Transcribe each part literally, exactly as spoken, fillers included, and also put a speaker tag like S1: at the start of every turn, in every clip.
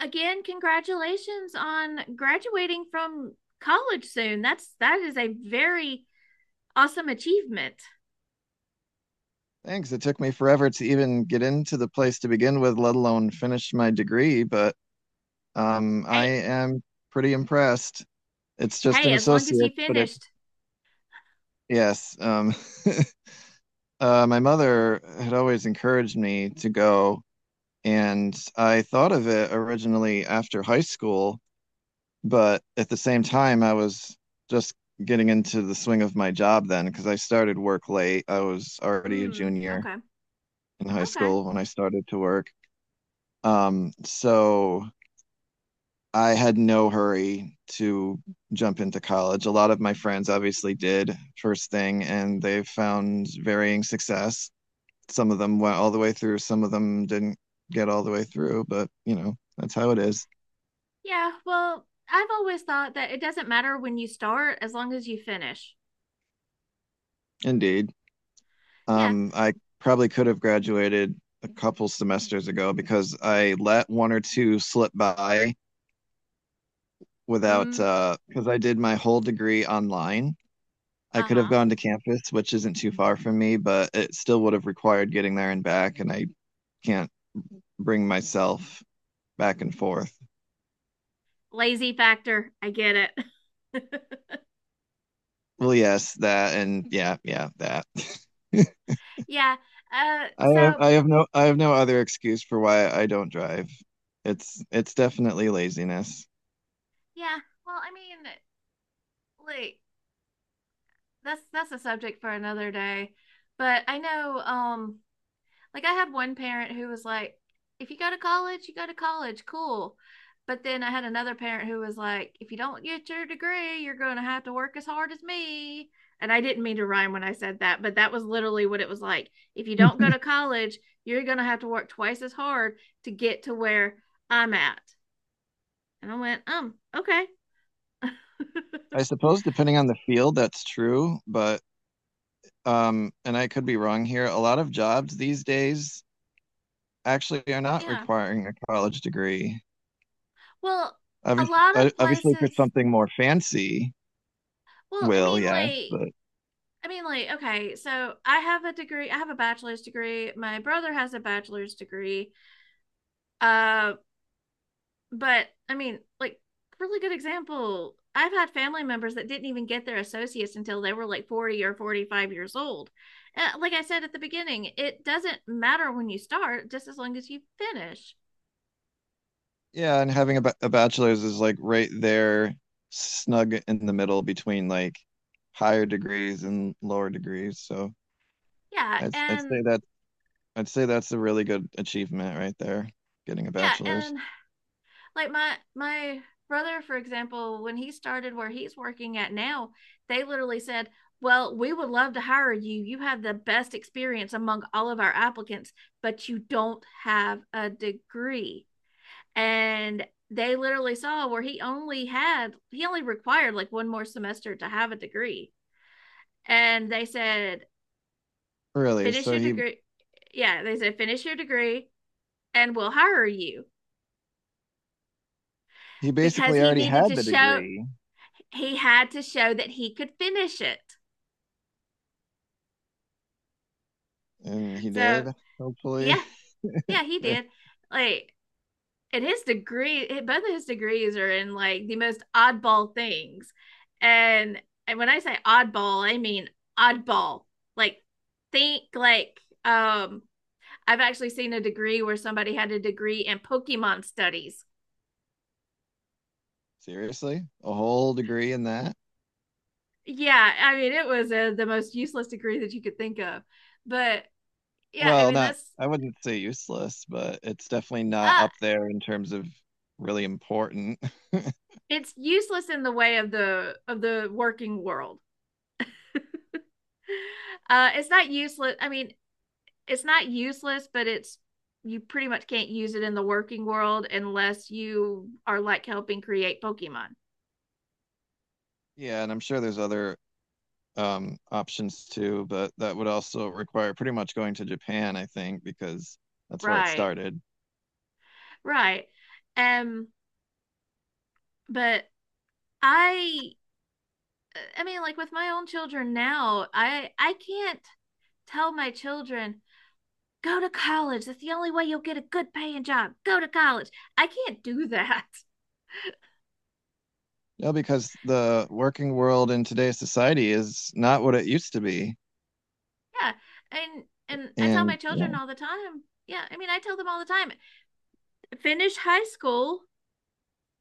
S1: Again, congratulations on graduating from college soon. That's that is a very awesome achievement.
S2: Thanks. It took me forever to even get into the place to begin with, let alone finish my degree, but um, I
S1: Hey,
S2: am pretty impressed. It's just
S1: hey,
S2: an
S1: as long as you
S2: associate, but it,
S1: finished.
S2: yes. Um, uh, my mother had always encouraged me to go, and I thought of it originally after high school, but at the same time, I was just getting into the swing of my job then because I started work late. I was already a
S1: Mm,
S2: junior
S1: okay.
S2: in high
S1: Okay.
S2: school when I started to work. Um, so I had no hurry to jump into college. A lot of my friends obviously did first thing, and they found varying success. Some of them went all the way through, some of them didn't get all the way through, but you know, that's how it is.
S1: Yeah, well, I've always thought that it doesn't matter when you start as long as you finish.
S2: Indeed.
S1: Yeah.
S2: Um, I probably could have graduated a couple semesters ago because I let one or two slip by without,
S1: Mm,
S2: uh, because I did my whole degree online. I could have
S1: uh-huh.
S2: gone to campus, which isn't too far from me, but it still would have required getting there and back, and I can't bring myself back and forth.
S1: Lazy factor. I get it.
S2: Well, yes, that and yeah, yeah, that.
S1: Yeah. Uh
S2: I have
S1: so
S2: I have no I have no other excuse for why I don't drive. It's it's definitely laziness.
S1: yeah, well, I mean, like that's that's a subject for another day. But I know um Like I had one parent who was like, if you go to college, you go to college, cool. But then I had another parent who was like, if you don't get your degree, you're going to have to work as hard as me. And I didn't mean to rhyme when I said that, but that was literally what it was like. If you don't go to college, you're going to have to work twice as hard to get to where I'm at. And I went, um, okay.
S2: I suppose depending on the field, that's true, but um, and I could be wrong here. A lot of jobs these days actually are not
S1: Yeah.
S2: requiring a college degree.
S1: Well, a
S2: Obviously,
S1: lot of
S2: obviously for
S1: places,
S2: something more fancy,
S1: well, I
S2: will,
S1: mean,
S2: yes,
S1: like
S2: but
S1: I mean, like, okay, so I have a degree. I have a bachelor's degree. My brother has a bachelor's degree. Uh, but I mean, like, really good example. I've had family members that didn't even get their associates until they were like forty or forty-five years old. Uh, like I said at the beginning, it doesn't matter when you start, just as long as you finish.
S2: yeah, and having a, ba- a bachelor's is like right there, snug in the middle between like higher degrees and lower degrees. So
S1: Yeah.
S2: I'd, I'd
S1: And
S2: say that I'd say that's a really good achievement right there, getting a
S1: yeah.
S2: bachelor's.
S1: And like my my brother for example when he started where he's working at now they literally said, well, we would love to hire you, you have the best experience among all of our applicants, but you don't have a degree. And they literally saw where he only had he only required like one more semester to have a degree, and they said
S2: Really,
S1: finish
S2: so
S1: your
S2: he
S1: degree. Yeah, they said finish your degree and we'll hire you,
S2: he
S1: because
S2: basically
S1: he
S2: already
S1: needed
S2: had
S1: to
S2: the
S1: show,
S2: degree,
S1: he had to show that he could finish it.
S2: and he
S1: So
S2: did, hopefully.
S1: yeah, yeah, he did. Like, and his degree, eh, both of his degrees are in like the most oddball things. And and when I say oddball, I mean oddball. Like, think like um. I've actually seen a degree where somebody had a degree in Pokemon studies.
S2: Seriously, a whole degree in that?
S1: Yeah, I mean it was a, the most useless degree that you could think of. But yeah, I
S2: Well,
S1: mean
S2: not
S1: that's
S2: I wouldn't say useless, but it's definitely not
S1: uh,
S2: up there in terms of really important.
S1: it's useless in the way of the of the working world. Uh, it's not useless. I mean, it's not useless, but it's, you pretty much can't use it in the working world unless you are like helping create Pokemon.
S2: Yeah, and I'm sure there's other um, options too, but that would also require pretty much going to Japan, I think, because that's where it
S1: Right.
S2: started.
S1: Right. Um, but I I mean, like with my own children now, I I can't tell my children go to college. That's the only way you'll get a good paying job. Go to college. I can't do that.
S2: Yeah, because the working world in today's society is not what it used to be.
S1: Yeah, and and I tell my
S2: And yeah,
S1: children all the time, yeah, I mean I tell them all the time, finish high school,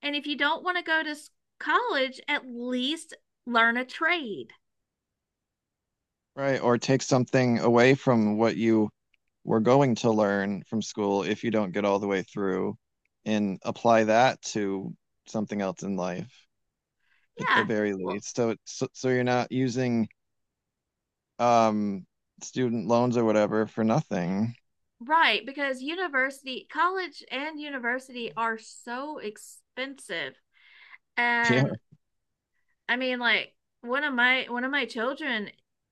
S1: and if you don't want to go to college, at least learn a trade.
S2: right, or take something away from what you were going to learn from school if you don't get all the way through and apply that to something else in life at the
S1: Yeah,
S2: very
S1: well,
S2: least. So, so, so you're not using um student loans or whatever for nothing.
S1: right, because university college and university are so expensive.
S2: Yeah.
S1: And I mean, like one of my one of my children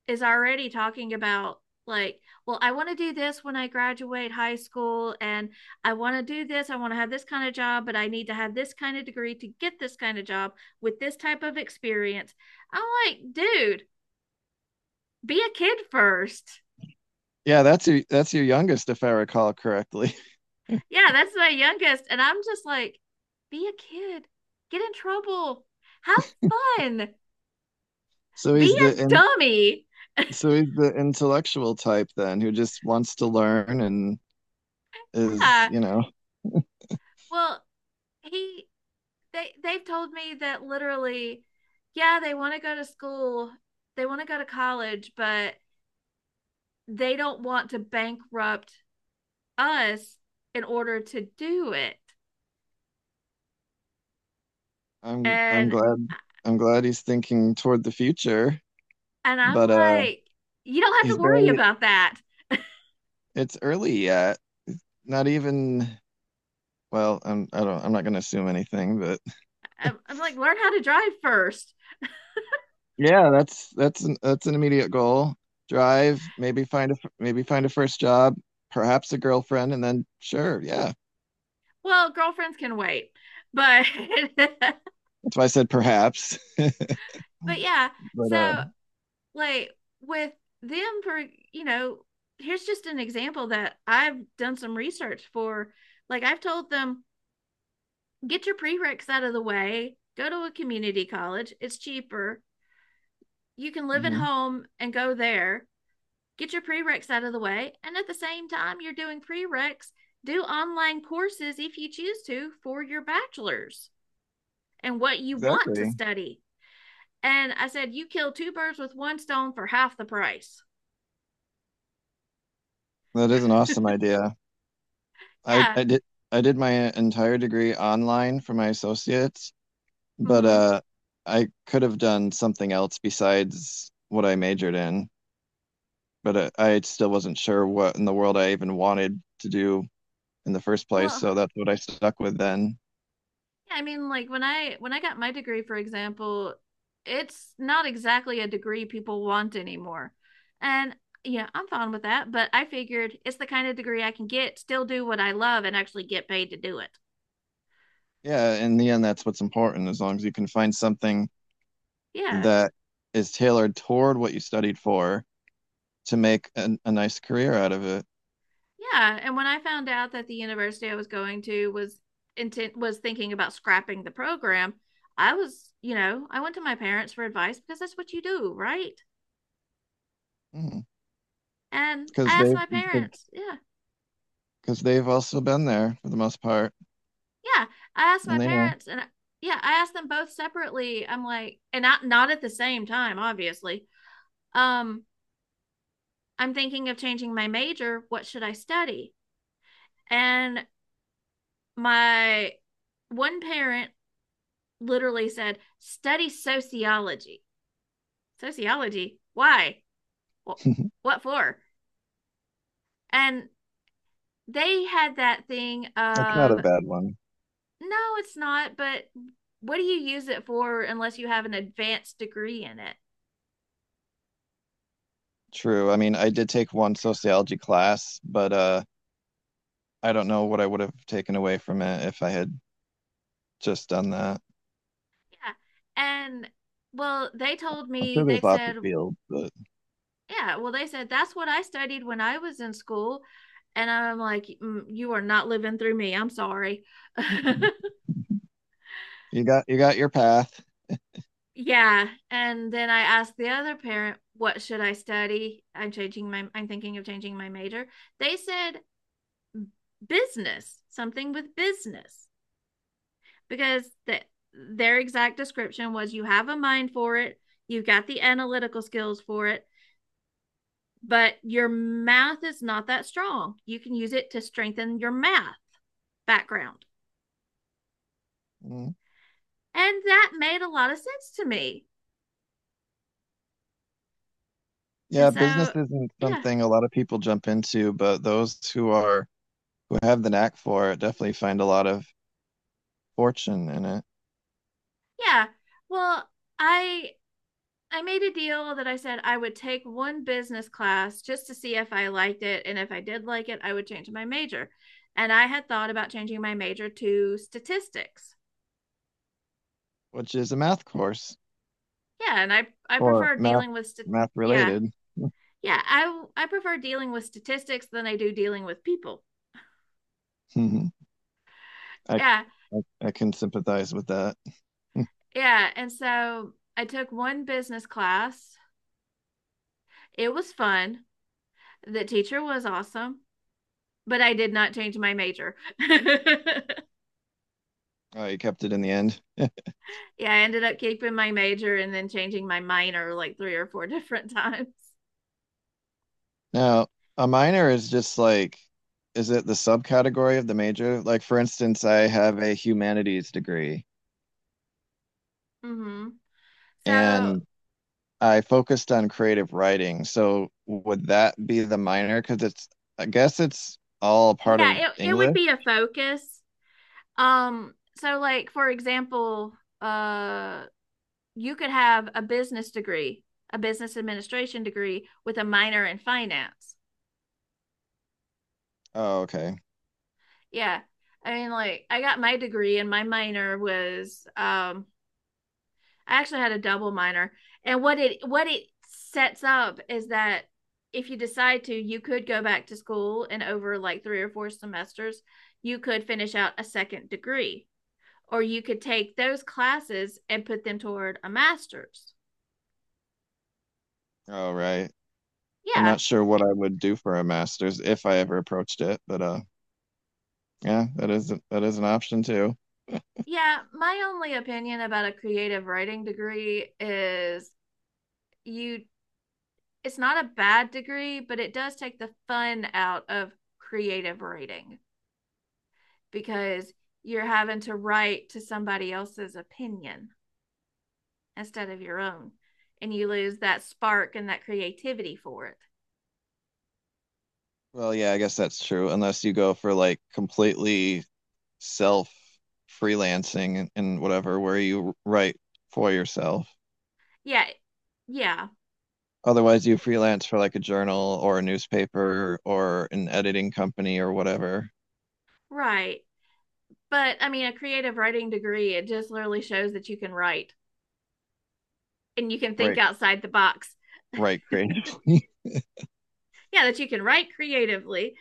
S1: is already talking about, like, well, I want to do this when I graduate high school, and I want to do this. I want to have this kind of job, but I need to have this kind of degree to get this kind of job with this type of experience. I'm like, dude, be a kid first.
S2: Yeah, that's your that's your youngest if I recall correctly.
S1: Yeah, that's my youngest, and I'm just like, be a kid, get in trouble, have fun,
S2: So
S1: be
S2: he's
S1: a
S2: the in,
S1: dummy.
S2: so he's the intellectual type then who just wants to learn and is,
S1: Yeah.
S2: you know,
S1: Well, he they, they've told me that literally, yeah, they want to go to school, they want to go to college, but they don't want to bankrupt us in order to do it.
S2: I'm I'm
S1: And
S2: glad I'm glad he's thinking toward the future,
S1: and I'm
S2: but uh
S1: like, you don't have
S2: he's
S1: to worry
S2: barely
S1: about that.
S2: It's early yet. Not even well, I'm I don't I'm not gonna assume anything, but
S1: I'm, I'm like, learn how to drive first.
S2: yeah, that's that's an that's an immediate goal. Drive, maybe find a maybe find a first job, perhaps a girlfriend, and then sure, yeah.
S1: Well, girlfriends can wait, but but
S2: That's why I said perhaps.
S1: yeah.
S2: But uh,
S1: So like with them for you know here's just an example that I've done some research for. Like I've told them, get your prereqs out of the way, go to a community college, it's cheaper, you can live at
S2: mhm.
S1: home and go there, get your prereqs out of the way, and at the same time you're doing prereqs, do online courses if you choose to for your bachelor's and what you want to
S2: Exactly.
S1: study. And I said you kill two birds with one stone for half the price.
S2: That is an awesome idea. I
S1: Yeah.
S2: I did I did my entire degree online for my associates, but
S1: Hmm.
S2: uh, I could have done something else besides what I majored in. But uh, I still wasn't sure what in the world I even wanted to do in the first place,
S1: Well,
S2: so that's what I stuck with then.
S1: yeah, I mean, like when I when I got my degree, for example, it's not exactly a degree people want anymore. And yeah, I'm fine with that, but I figured it's the kind of degree I can get, still do what I love, and actually get paid to do it.
S2: Yeah, in the end, that's what's important. As long as you can find something
S1: Yeah.
S2: that is tailored toward what you studied for to make an, a nice career out of it,
S1: Yeah. And when I found out that the university I was going to was intent was thinking about scrapping the program, I was, you know, I went to my parents for advice because that's what you do, right? And I
S2: because
S1: asked
S2: they
S1: my parents, yeah.
S2: because they've also been there for the most part,
S1: Yeah, I asked my
S2: and they know.
S1: parents, and I- yeah, I asked them both separately. I'm like, and not not at the same time, obviously. Um, I'm thinking of changing my major. What should I study? And my one parent literally said, "Study sociology." Sociology? Why? Well,
S2: It's
S1: what for? And they had that thing
S2: not
S1: of,
S2: a bad one.
S1: no, it's not, but what do you use it for unless you have an advanced degree in it?
S2: True. I mean, I did take one sociology class, but uh, I don't know what I would have taken away from it if I had just done that.
S1: Yeah. And well, they told
S2: I'm
S1: me,
S2: sure
S1: they
S2: there's lots of
S1: said,
S2: fields, but
S1: yeah, well, they said that's what I studied when I was in school. And I'm like, "Mm, you are not living through me. I'm sorry."
S2: you got you got your path.
S1: Yeah. And then I asked the other parent, what should I study? I'm changing my, I'm thinking of changing my major. They said business, something with business, because that, their exact description was, you have a mind for it, you've got the analytical skills for it, but your math is not that strong. You can use it to strengthen your math background.
S2: Mm.
S1: And that made a lot of sense to me. And
S2: Yeah, business
S1: so,
S2: isn't
S1: yeah.
S2: something a lot of people jump into, but those who are who have the knack for it definitely find a lot of fortune in it,
S1: Yeah. Well, I I made a deal that I said I would take one business class just to see if I liked it, and if I did like it, I would change my major. And I had thought about changing my major to statistics.
S2: which is a math course
S1: Yeah, and I I
S2: or
S1: prefer
S2: math
S1: dealing with st-
S2: math
S1: yeah.
S2: related.
S1: Yeah, I I prefer dealing with statistics than I do dealing with people.
S2: I, I
S1: Yeah.
S2: I can sympathize with that.
S1: Yeah. And so I took one business class. It was fun. The teacher was awesome, but I did not change my major. Yeah.
S2: Oh, you kept it in the end.
S1: I ended up keeping my major and then changing my minor like three or four different times.
S2: Now, a minor is just like, is it the subcategory of the major? Like, for instance, I have a humanities degree,
S1: Hmm. So,
S2: and I focused on creative writing. So would that be the minor? Because it's, I guess it's all part
S1: yeah,
S2: of
S1: it, it would
S2: English.
S1: be a focus. Um, so like for example, uh, you could have a business degree, a business administration degree with a minor in finance.
S2: Oh, okay.
S1: Yeah, I mean like I got my degree and my minor was um I actually had a double minor, and what it what it sets up is that if you decide to, you could go back to school and over like three or four semesters you could finish out a second degree, or you could take those classes and put them toward a master's.
S2: Oh, right. Right. I'm
S1: Yeah.
S2: not sure what I would do for a master's if I ever approached it, but uh, yeah, that is that is an option too.
S1: Yeah, my only opinion about a creative writing degree is, you it's not a bad degree, but it does take the fun out of creative writing, because you're having to write to somebody else's opinion instead of your own. And you lose that spark and that creativity for it.
S2: Well, yeah, I guess that's true, unless you go for like completely self freelancing and, and whatever, where you write for yourself.
S1: Yeah. Yeah.
S2: Otherwise, you freelance for like a journal or a newspaper or an editing company or whatever.
S1: Right. But I mean, a creative writing degree, it just literally shows that you can write and you can think
S2: Right,
S1: outside the box.
S2: right, creative.
S1: Yeah, that you can write creatively.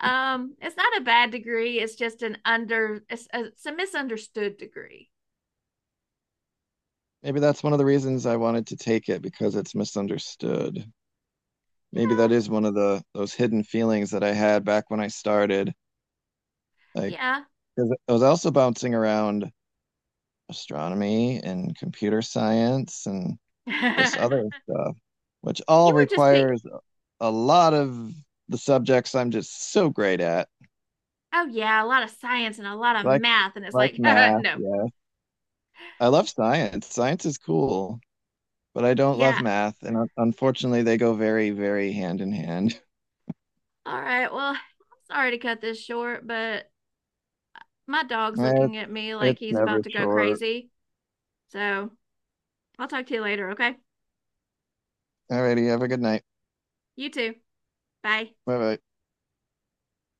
S1: Um, it's not a bad degree. It's just an under, it's a, it's a misunderstood degree.
S2: Maybe that's one of the reasons I wanted to take it because it's misunderstood. Maybe that
S1: Yeah,
S2: is one of the those hidden feelings that I had back when I started. Like,
S1: yeah.
S2: 'cause I was also bouncing around astronomy and computer science and
S1: You were
S2: this other stuff, which all
S1: just pick,
S2: requires a lot of the subjects I'm just so great at,
S1: oh yeah, a lot of science and a lot of
S2: like
S1: math and it's
S2: like
S1: like
S2: math.
S1: no.
S2: Yeah, I love science. Science is cool, but I don't love
S1: Yeah.
S2: math, and un- unfortunately, they go very, very hand in hand.
S1: All right. Well, I'm sorry to cut this short, but my dog's
S2: Eh,
S1: looking at me like
S2: it's
S1: he's
S2: never
S1: about to go
S2: short.
S1: crazy. So, I'll talk to you later, okay?
S2: Alrighty, have a good night.
S1: You too. Bye.
S2: Bye bye.